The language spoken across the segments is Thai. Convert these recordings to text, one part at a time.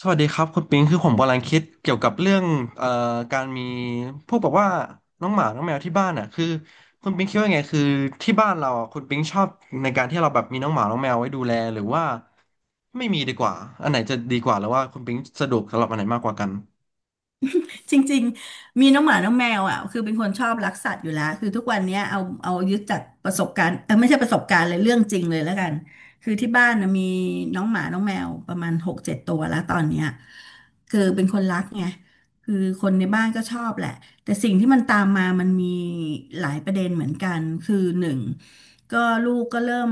สวัสดีครับคุณปิงคือผมกำลังคิดเกี่ยวกับเรื่องเอ่อการมีพวกแบบว่าน้องหมาน้องแมวที่บ้านอ่ะคือคุณปิงคิดว่าไงคือที่บ้านเราอ่ะคุณปิงชอบในการที่เราแบบมีน้องหมาน้องแมวไว้ดูแลหรือว่าไม่มีดีกว่าอันไหนจะดีกว่าหรือว่าคุณปิงสะดวกสำหรับอันไหนมากกว่ากันจริงๆมีน้องหมา น้องแมวอ่ะคือเป็นคนชอบรักสัตว์อยู่แล้วคือทุกวันเนี้ยเอายึดจากประสบการณ์ไม่ใช่ประสบการณ์เลยเรื่องจริงเลยแล้วกันคือที่บ้านนะมีน้องหมา น้องแมวประมาณ6-7ตัวแล้วตอนเนี้ยคือเป็นคนรักไงคือคนในบ้านก็ชอบแหละแต่สิ่งที่มันตามมามันมีหลายประเด็นเหมือนกันคือหนึ่งก็ลูกก็เริ่ม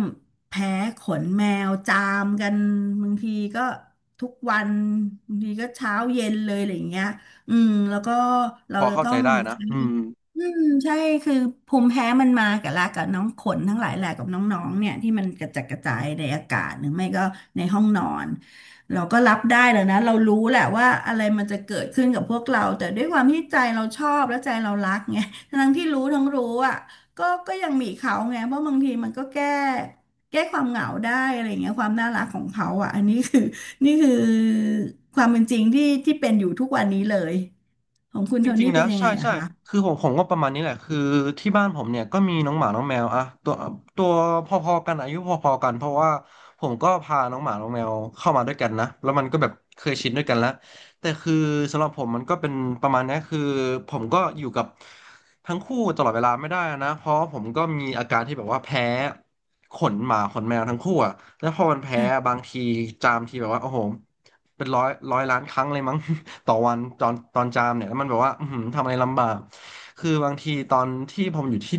แพ้ขนแมวจามกันบางทีก็ทุกวันบางทีก็เช้าเย็นเลยอะไรอย่างเงี้ย อืมแล้วก็เราพอจะเข้าต้อใจงได้นะใช้อืม อืมใช่คือภูมิแพ้มันมากับลากับน้องขนทั้งหลายแหละกับน้องๆเนี่ยที่มันกระจัดกระจายในอากาศหรือไม่ก็ในห้องนอนเราก็รับได้แล้วนะเรารู้แหละว่าอะไรมันจะเกิดขึ้นกับพวกเราแต่ด้วยความที่ใจเราชอบและใจเรารักไง ทั้งที่รู้ทั้งรู้อ่ะก็ยังมีเขาไงเพราะบางทีมันก็แก้ความเหงาได้อะไรอย่างเงี้ยความน่ารักของเขาอ่ะอันนี้คือ นี่คือความเป็นจริงที่ที่เป็นอยู่ทุกวันนี้เลย ของคุณจโทริงนี่ๆเป็นะนยังใช่ไงอะใช่คะคือผมก็ประมาณนี้แหละคือที่บ้านผมเนี่ยก็มีน้องหมาน้องแมวอะตัวตัวพอๆกันอายุพอๆกันเพราะว่าผมก็พาน้องหมาน้องแมวเข้ามาด้วยกันนะแล้วมันก็แบบเคยชินด้วยกันแล้วแต่คือสำหรับผมมันก็เป็นประมาณนี้คือผมก็อยู่กับทั้งคู่ตลอดเวลาไม่ได้นะเพราะผมก็มีอาการที่แบบว่าแพ้ ขนหมาขนแมวทั้งคู่อ่ะแล้วพอมันแพ้บางทีจามทีแบบว่าโอ้โหเป็นร้อยร้อยล้านครั้งเลยมั้ง ต่อวันตอนจามเนี่ยแล้วมันแบบว่าอือหือทำอะไรลำบากคือบางทีตอนที่ผมอยู่ที่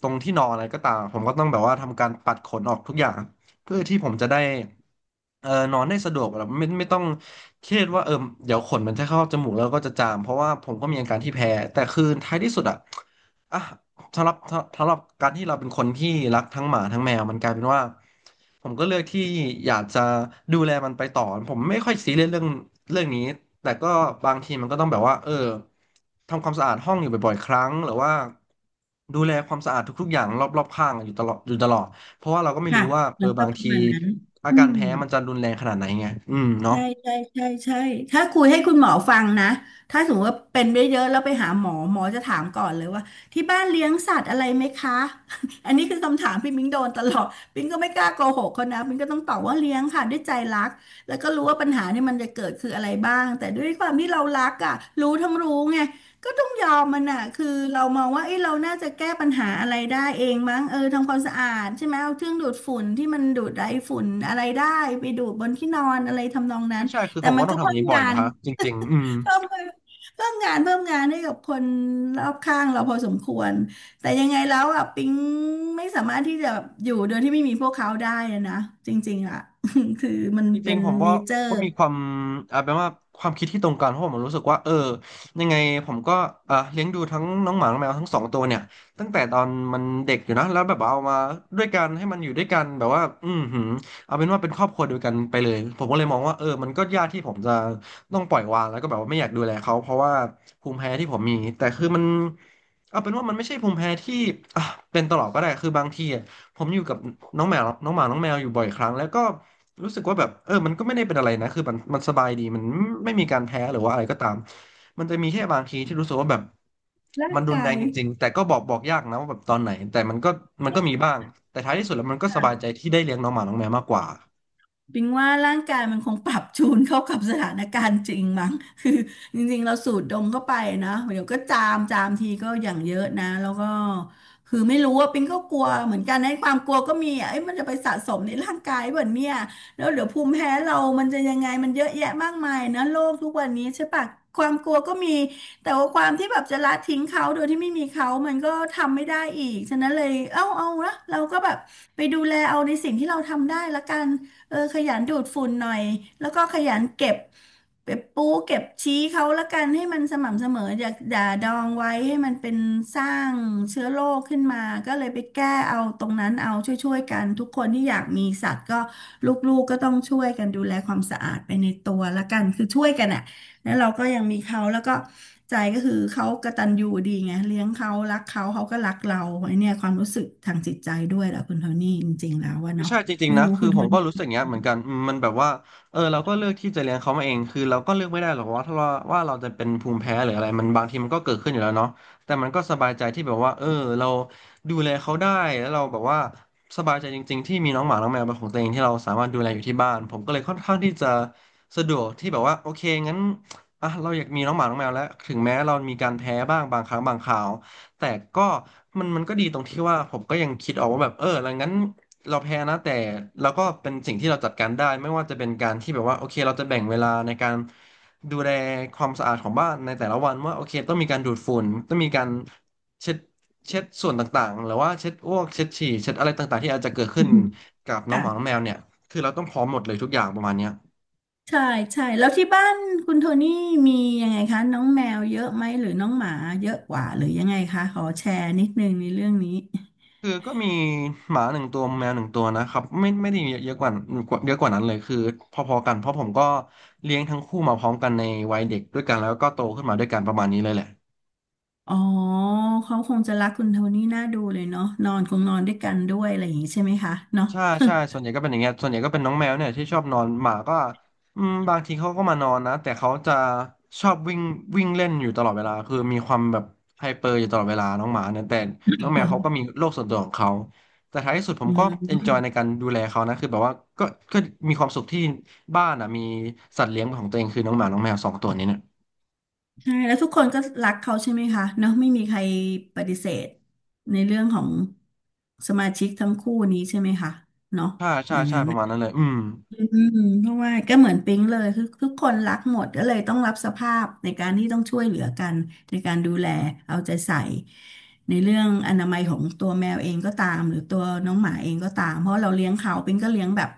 ตรงที่นอนอะไรก็ตามผมก็ต้องแบบว่าทำการปัดขนออกทุกอย่างเพื่อที่ผมจะได้เออนอนได้สะดวกแบบไม่ต้องเครียดว่าเออเดี๋ยวขนมันจะเข้าจมูกแล้วก็จะจามเพราะว่าผมก็มีอาการที่แพ้แต่คือท้ายที่สุดอ่ะ อ่ะสำหรับการที่เราเป็นคนที่รักทั้งหมาทั้งแมวมันกลายเป็นว่าผมก็เลือกที่อยากจะดูแลมันไปต่อผมไม่ค่อยซีเรียสเรื่องนี้แต่ก็บางทีมันก็ต้องแบบว่าเออทำความสะอาดห้องอยู่บ่อยๆครั้งหรือว่าดูแลความสะอาดทุกๆอย่างรอบๆข้างอยู่ตลอดเพราะว่าเราก็ไม่ค่ะรู้ว่าเอมัอนก็บางประทีมาณนั้นอาอืการมแพ้มันจะรุนแรงขนาดไหนไงอืมเนาะใช่ใช่ใช่ใช่ถ้าคุยให้คุณหมอฟังนะ ถ้าสมมติว่าเป็นเยอะๆแล้วไปหาหมอหมอจะถามก่อนเลยว่าที่บ้านเลี้ยงสัตว์อะไรไหมคะ อันนี้คือคำถามพี่มิ้งโดนตลอดมิ้งก็ไม่กล้าโกหกเขานะมิ้งก็ต้องตอบว่าเลี้ยงค่ะด้วยใจรักแล้วก็รู้ว่าปัญหาเนี่ยมันจะเกิดคืออะไรบ้างแต่ด้วยความที่เรารักอ่ะรู้ทั้งรู้ไง ก็ต้องยอมมันอ่ะคือเรามองว่าเอ้ยเราน่าจะแก้ปัญหาอะไรได้เองมั้งเออทำความสะอาดใช่ไหมเอาเครื่องดูดฝุ่นที่มันดูดไอ้ฝุ่นอะไรได้ไปดูดบนที่นอนอะไรทำนองนั้ใช่นใช่คือแต่ผมก็มันต้อก็งทำอเพิ่ย่างมนี้บ่อยงานะนครจริงๆอืม เพิ่มงานเพิ่มงานเพิ่มงานให้กับคนรอบข้างเราพอสมควรแต่ยังไงแล้วอ่ะปิ๊งไม่สามารถที่จะอยู่โดยที่ไม่มีพวกเขาได้อะนะจริงๆอ่ะ คือมันจริเป็งนๆผมเนว่าเจอร์ก็มีความอาจเป็นว่าความคิดที่ตรงกันเพราะผมรู้สึกว่าเออยังไงผมก็อ่ะเลี้ยงดูทั้งน้องหมาน้องแมวทั้งสองตัวเนี่ยตั้งแต่ตอนมันเด็กอยู่นะแล้วแบบเอามาด้วยกันให้มันอยู่ด้วยกันแบบว่าอืมหืมเอาเป็นว่าเป็นครอบครัวเดียวกันไปเลยผมก็เลยมองว่าเออมันก็ยากที่ผมจะต้องปล่อยวางแล้วก็แบบว่าไม่อยากดูแลเขาเพราะว่าภูมิแพ้ที่ผมมีแต่คือมันเอาเป็นว่ามันไม่ใช่ภูมิแพ้ที่อ่ะเป็นตลอดก็ได้คือบางทีอะ ผมอยู่กับน้องแมวน้องหมา น้องแมวอยู่บ่อยครั้งแล้วก็รู้สึกว่าแบบเออมันก็ไม่ได้เป็นอะไรนะคือมันสบายดีมันไม่มีการแพ้หรือว่าอะไรก็ตาม มันจะมีแค่บางทีที่รู้สึกว่าแบบร่างมันรุนแรกางย จริงๆแต่ก็บอกยากนะว่าแบบตอนไหน แต่มันก็มันก็มีบ้าง แต่ท้ายที่สุดแล้วมันก็สบายใจที่ได้เลี้ยงน้องหมาน้องแมวมากกว่า ปิงว่าร่างกายมันคงปรับจูนเข้ากับสถานการณ์จริงมั้ง คือจริงๆเราสูดดมเข้าไปนะเดี๋ยวก็จามจามทีก็อย่างเยอะนะแล้วก็คือไม่รู้ว่าปิงก็กลัวเหมือนกันในะความกลัวก็มีอ่ะเอ้ยมันจะไปสะสมในร่างกายแบบเนี่ยแล้วเดี๋ยวภูมิแพ้เรามันจะยังไงมันเยอะแยะมากมายนะโลกทุกวันนี้ใช่ปะความกลัวก็มีแต่ว่าความที่แบบจะละทิ้งเขาโดยที่ไม่มีเขามันก็ทำไม่ได้อีกฉะนั้นเลยเอ้าเอาละเราก็แบบไปดูแลเอาในสิ่งที่เราทำได้ละกัน เออขยันดูดฝุ่นหน่อยแล้วก็ขยันเก็บเก็บปูเก็บชี้เขาละกันให้มันสม่ำเสมออย่าดองไว้ให้มันเป็นสร้างเชื้อโรคขึ้นมาก็เลยไปแก้เอาตรงนั้นเอาช่วยๆกันทุกคนที่อยากมีสัตว์ก็ลูกๆก็ต้องช่วยกันดูแลความสะอาดไปในตัวละกันคือช่วยกันอ่ะแล้วเราก็ยังมีเขาแล้วก็ใจก็คือเขากตัญญูดีไงเลี้ยงเขารักเขาเขาก็รักเราไอเนี่ยความรู้สึกทางจิตใจด้วยแหละคุณโทนี่จริงๆแล้วว่าเนาะใช่จริงไม่ๆนะรู้คือคุณโทผมก็นี่ รู้สึกอย่างเงี้ยเหมือนกันอืมมันแบบว่าเออเราก็เลือกที่จะเลี้ยงเขามาเองคือเราก็เลือกไม่ได้หรอกว่าถ้าว่าเราจะเป็นภูมิแพ้หรืออะไรมันบางทีมันก็เกิดขึ้นอยู่แล้วเนาะแต่มันก็สบายใจที่แบบว่าเออเราดูแลเขาได้แล้วเราแบบว่าสบายใจจริงๆที่มีน้องหมาน้องแมวเป็นของตัวเองที่เราสามารถดูแลอยู่ที่บ้านผมก็เลยค่อนข้างที่จะสะดวกที่แบบว่าโอเคงั้นอ่ะเราอยากมีน้องหมาน้องแมวแล้วถึงแม้เรามีการแพ้บ้างบางครั้งบางคราว แต่ก็มันมันก็ดีตรงที่ว่าผมก็ยังคิดออกว่าแบบเออแล้วงั้นเราแพ้นะแต่เราก็เป็นสิ่งที่เราจัดการได้ไม่ว่าจะเป็นการที่แบบว่าโอเคเราจะแบ่งเวลาในการดูแลความสะอาดของบ้านในแต่ละวันว่าโอเคต้องมีการดูดฝุ่นต้องมีการเช็ดส่วนต่างๆหรือว่าเช็ดอ้วกเช็ดฉี่เช็ดอะไรต่างๆที่อาจจะเกิดขึ้นกับน้องหมาน้องค่ะแมวเนี่ยคือเราต้องพร้อมหมดเลยทุกอย่างประมาณเนี้ย ใช่ใช่แล้วที่บ้านคุณโทนี่มียังไงคะน้องแมวเยอะไหมหรือน้องหมาเยอะกว่าหรือยังไงคะขอแชร์นิดนึงในเรื่องนี้คือก็มีหมาหนึ่งตัวแมวหนึ่งตัวนะครับไม่ได้เยอะเยอะกว่าเยอะกว่านั้นเลยคือพอๆกันเพราะผมก็เลี้ยงทั้งคู่มาพร้อมกันในวัยเด็กด้วยกันแล้วก็โตขึ้นมาด้วยกันประมาณนี้เลยแหละ อ๋อเขาคงจะรักคุณโทนี่น่าดูเลยเนาะนอนคงนอนด้วยกันด้วยอะไรอย่างนี้ใช่ไหมคะเนาะ ใช่ใช่ส่วนใหญ่ก็เป็นอย่างเงี้ยส่วนใหญ่ก็เป็นน้องแมวเนี่ยที่ชอบนอนหมาก็บางทีเขาก็มานอนนะแต่เขาจะชอบวิ่งวิ่งเล่นอยู่ตลอดเวลาคือมีความแบบไฮเปอร์อยู่ตลอดเวลาน้องหมาเนี่ยแต่น้องแม บวอเขาก็กมีโลกส่วนตัวของเขาแต่ท้ายที่สุดผมอืก็เอมนจอยในการดูแลเขานะคือแบบว่าก็ก็มีความสุขที่บ้านอ่ะมีสัตว์เลี้ยงของตัวเองคือน้องหมาน้องแมวสองตัวนี้เนี่ยใช่แล้วทุกคนก็รักเขาใช่ไหมคะเนาะไม่มีใครปฏิเสธในเรื่องของสมาชิกทั้งคู่นี้ใช่ไหมคะเนาะใช่อใช่ย่างใช่นั้นประนะ มาณนั้นเลยอืมเพราะว่าก็เหมือนปิ๊งเลยคือทุกคนรักหมดก็เลยต้องรับสภาพในการที่ต้องช่วยเหลือกันในการดูแลเอาใจใส่ในเรื่องอนามัยของตัวแมวเองก็ตามหรือตัวน้องหมาเองก็ตามเพราะเราเลี้ยงเขาปิ๊งก็เลี้ยงแบบ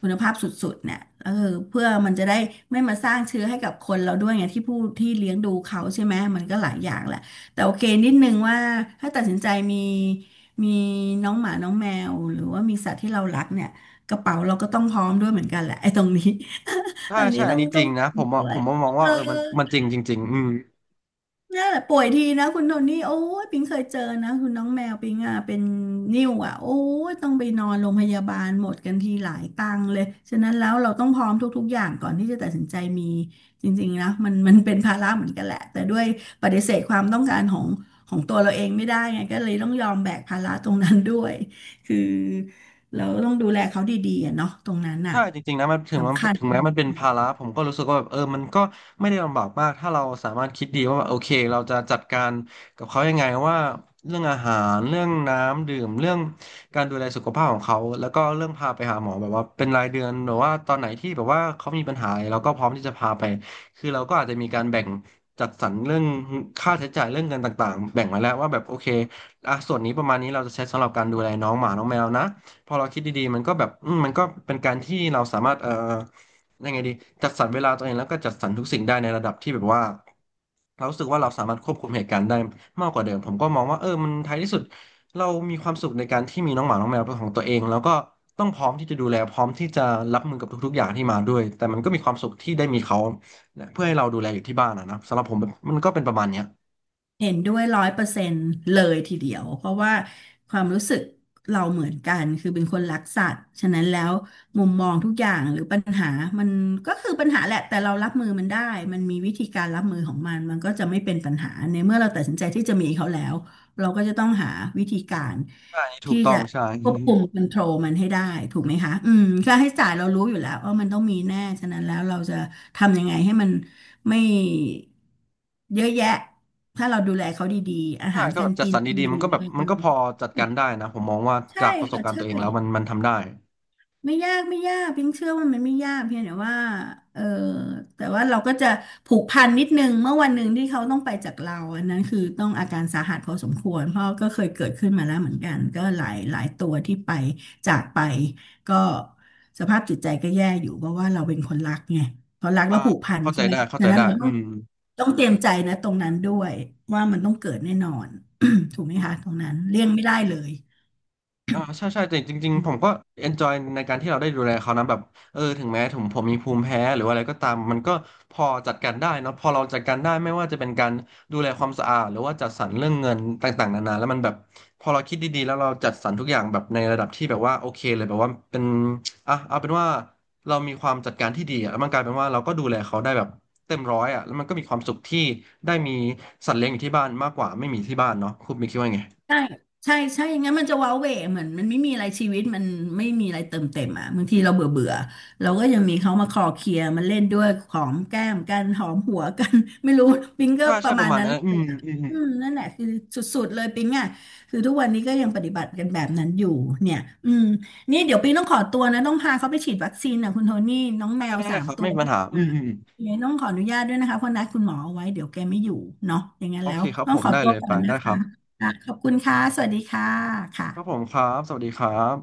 คุณภาพสุดๆเนี่ยเพื่อมันจะได้ไม่มาสร้างเชื้อให้กับคนเราด้วยไงที่ผู้ที่เลี้ยงดูเขาใช่ไหมมันก็หลายอย่างแหละแต่โอเคนิดนึงว่าถ้าตัดสินใจมีน้องหมาน้องแมวหรือว่ามีสัตว์ที่เรารักเนี่ย กระเป๋าเราก็ต้องพร้อมด้วยเหมือนกันแหละไอ้ตรงนี้ ใช่ตอนนี้ใช่อัต้อนงนี้จต้อริงงนะผมว่าด้วผยมว่ามองเอว่าอ เออมันจริงจริงๆอืม นี่นแหละป่วยทีนะคุณโทนี่โอ้ยปิงเคยเจอนะคุณน้องแมวปิงอ่ะเป็นนิ่วอ่ะโอ้ยต้องไปนอนโรงพยาบาลหมดกันทีหลายตังค์เลยฉะนั้นแล้วเราต้องพร้อมทุกๆอย่างก่อนที่จะตัดสินใจมีจริงๆนะมันเป็นภาระเหมือนกันแหละแต่ด้วยปฏิเสธความต้องการของตัวเราเองไม่ได้ไงก็เลยต้องยอมแบกภาระตรงนั้นด้วยคือเราต้องดูแลเขาดีๆอะเนาะตรงนั้นอ่ะใช่จริงๆนะมันถึงมันสำคัญ ถึงแม้มันเป็นภาระผมก็รู้สึกว่าแบบเออมันก็ไม่ได้ลำบากมากถ้าเราสามารถคิดดีว่าแบบโอเคเราจะจัดการกับเขายังไงว่าเรื่องอาหารเรื่องน้ำดื่มเรื่องการดูแลสุขภาพของเขาแล้วก็เรื่องพาไปหาหมอแบบว่าเป็นรายเดือนหรือว่าตอนไหนที่แบบว่าเขามีปัญหาอะไรเราก็พร้อมที่จะพาไปคือเราก็อาจจะมีการแบ่งจัดสรรเรื่องค่าใช้จ่ายเรื่องเงินต่างๆแบ่งไว้แล้วว่าแบบโอเคอ่ะส่วนนี้ประมาณนี้เราจะใช้สำหรับการดูแลน้องหมาน้องแมวนะ พอเราคิดดีๆมันก็แบบอืมมันก็เป็นการที่เราสามารถยังไงดีจัดสรรเวลาตัวเองแล้วก็จัดสรรทุกสิ่งได้ในระดับที่แบบว่าเรารู้สึกว่าเราสามารถควบคุมเหตุการณ์ได้มากกว่าเดิมผมก็มองว่าเออมันท้ายที่สุดเรามีความสุขในการที่มีน้องหมาน้องแมวเป็นของตัวเองแล้วก็ต้องพร้อมที่จะดูแลพร้อมที่จะรับมือกับทุกๆอย่างที่มาด้วยแต่มันก็มีความสุขที่ได้มีเขาเพื่อให้เราดูแลอยู่ที่บ้านนะนะสำหรับผมแบบมันก็เป็นประมาณเนี้ยเห็นด้วย100 เปอร์เซ็นต์เลยทีเดียวเพราะว่าความรู้สึกเราเหมือนกันคือเป็นคนรักสัตว์ฉะนั้นแล้วมุมมองทุกอย่างหรือปัญหามันก็คือปัญหาแหละแต่เรารับมือมันได้มันมีวิธีการรับมือของมันมันก็จะไม่เป็นปัญหาในเมื่อเราตัดสินใจที่จะมีเขาแล้วเราก็จะต้องหาวิธีการ อันนี้ถูที่กต้อจะงใช่ ควบคุมคอนโทรลมันให้ได้ถูกไหมคะค่าใช้จ่ายเรารู้อยู่แล้วว่ามันต้องมีแน่ฉะนั้นแล้วเราจะทำยังไงให้มันไม่เยอะแยะถ้าเราดูแลเขาดีๆอาใช่หารก็กาแบรบจัดกิสนรรดีหรืๆมันอก็แบอะบไรมันอื่ก็พนอจัดการได้นะผมมองว่าใช่จากประสบค่ะการณ์ใช่ ตัวเองแล้วมันทำได้ไม่ยากไม่ยากพิงเชื่อว่ามันไม่ยากเพียงแต่ว่าเออแต่ว่าเราก็จะผูกพันนิดนึงเมื่อวันหนึ่งที่เขาต้องไปจากเราอันนั้นคือต้องอาการสาหัสพอสมควรเพราะก็เคยเกิดขึ้นมาแล้วเหมือนกันก็หลายหลายตัวที่ไปจากไปก็สภาพจิตใจก็แย่อยู่เพราะว่าเราเป็นคนรักไงพอรักอ่าแล้วผูกพันเข้าใจใช่ไหมได้เข้าดัใจงนั้นได้เราอืต้องม ต้องเตรียมใจนะตรงนั้นด้วยว่ามันต้องเกิดแน่นอน ถูกไหมคะตรงนั้นเลี่ยงไม่ได้เลย อ่าใช่ใช่แต่จริงๆผมก็ enjoy ในการที่เราได้ดูแลเขานะแบบเออถึงแม้ผมมีภูมิแพ้หรือว่าอะไรก็ตามมันก็พอจัดการได้เนอะพอเราจัดการได้ไม่ว่าจะเป็นการดูแลความสะอาดหรือว่าจัดสรรเรื่องเงินต่างๆนานาแล้วมันแบบพอเราคิดดีๆแล้วเราจัดสรรทุกอย่างแบบในระดับที่แบบว่าโอเคเลยแบบว่าเป็นอ่ะเอาเป็นว่าเรามีความจัดการที่ดีอะแล้วมันกลายเป็นว่าเราก็ดูแลเขาได้แบบเต็มร้อยอ่ะแล้วมันก็มีความสุขที่ได้มีสัตว์เลี้ยงอยู่ที่บ้านมากกว่าไม่มีที่บ้านเนาะคุณมีคิดว่าไงใช่ ใช่ใช่อย่างงั้นมันจะว้าเหวเหมือนมันไม่มีอะไรชีวิต มันไม่มีอะไรเติมเต็มอ่ะบางทีเราเบื่อเบื่อเราก็ยังมีเขามาคลอเคลียร์มาเล่นด้วยหอมแก้มกัน หอมหัวกัน ไม่รู้ปิงก็ใช่ปใช่ระปมาระณมาณนั้น นั้นอืมอืมอืม อืมนั่นแหละคือสุดๆเลยปิ๊งอ่ะคือทุกวันนี้ก็ยังปฏิบัติกันแบบนั้นอยู่เนี่ยอืมนี่เดี๋ยวปิ๊งต้องขอตัวนะต้องพาเขาไปฉีดวัคซีนอ่ะคุณโทนี่น้องได้แมวได้สาได้มครับตัไม่วมีปัญที่หาอืมามอืมอืมเนี่ยวต้องขออนุญาตด้วยนะคะเพราะนัดคุณหมอเอาไว้เดี๋ยวแกไม่อยู่เนาะอย่างนั้นโอแล้เควครับต้อผงมขอได้ตัวเลยก่อไปนนะได้คคะรับค่ะขอบคุณค่ะสวัสดีค่ะครับผมค่ะครับสวัสดีครับ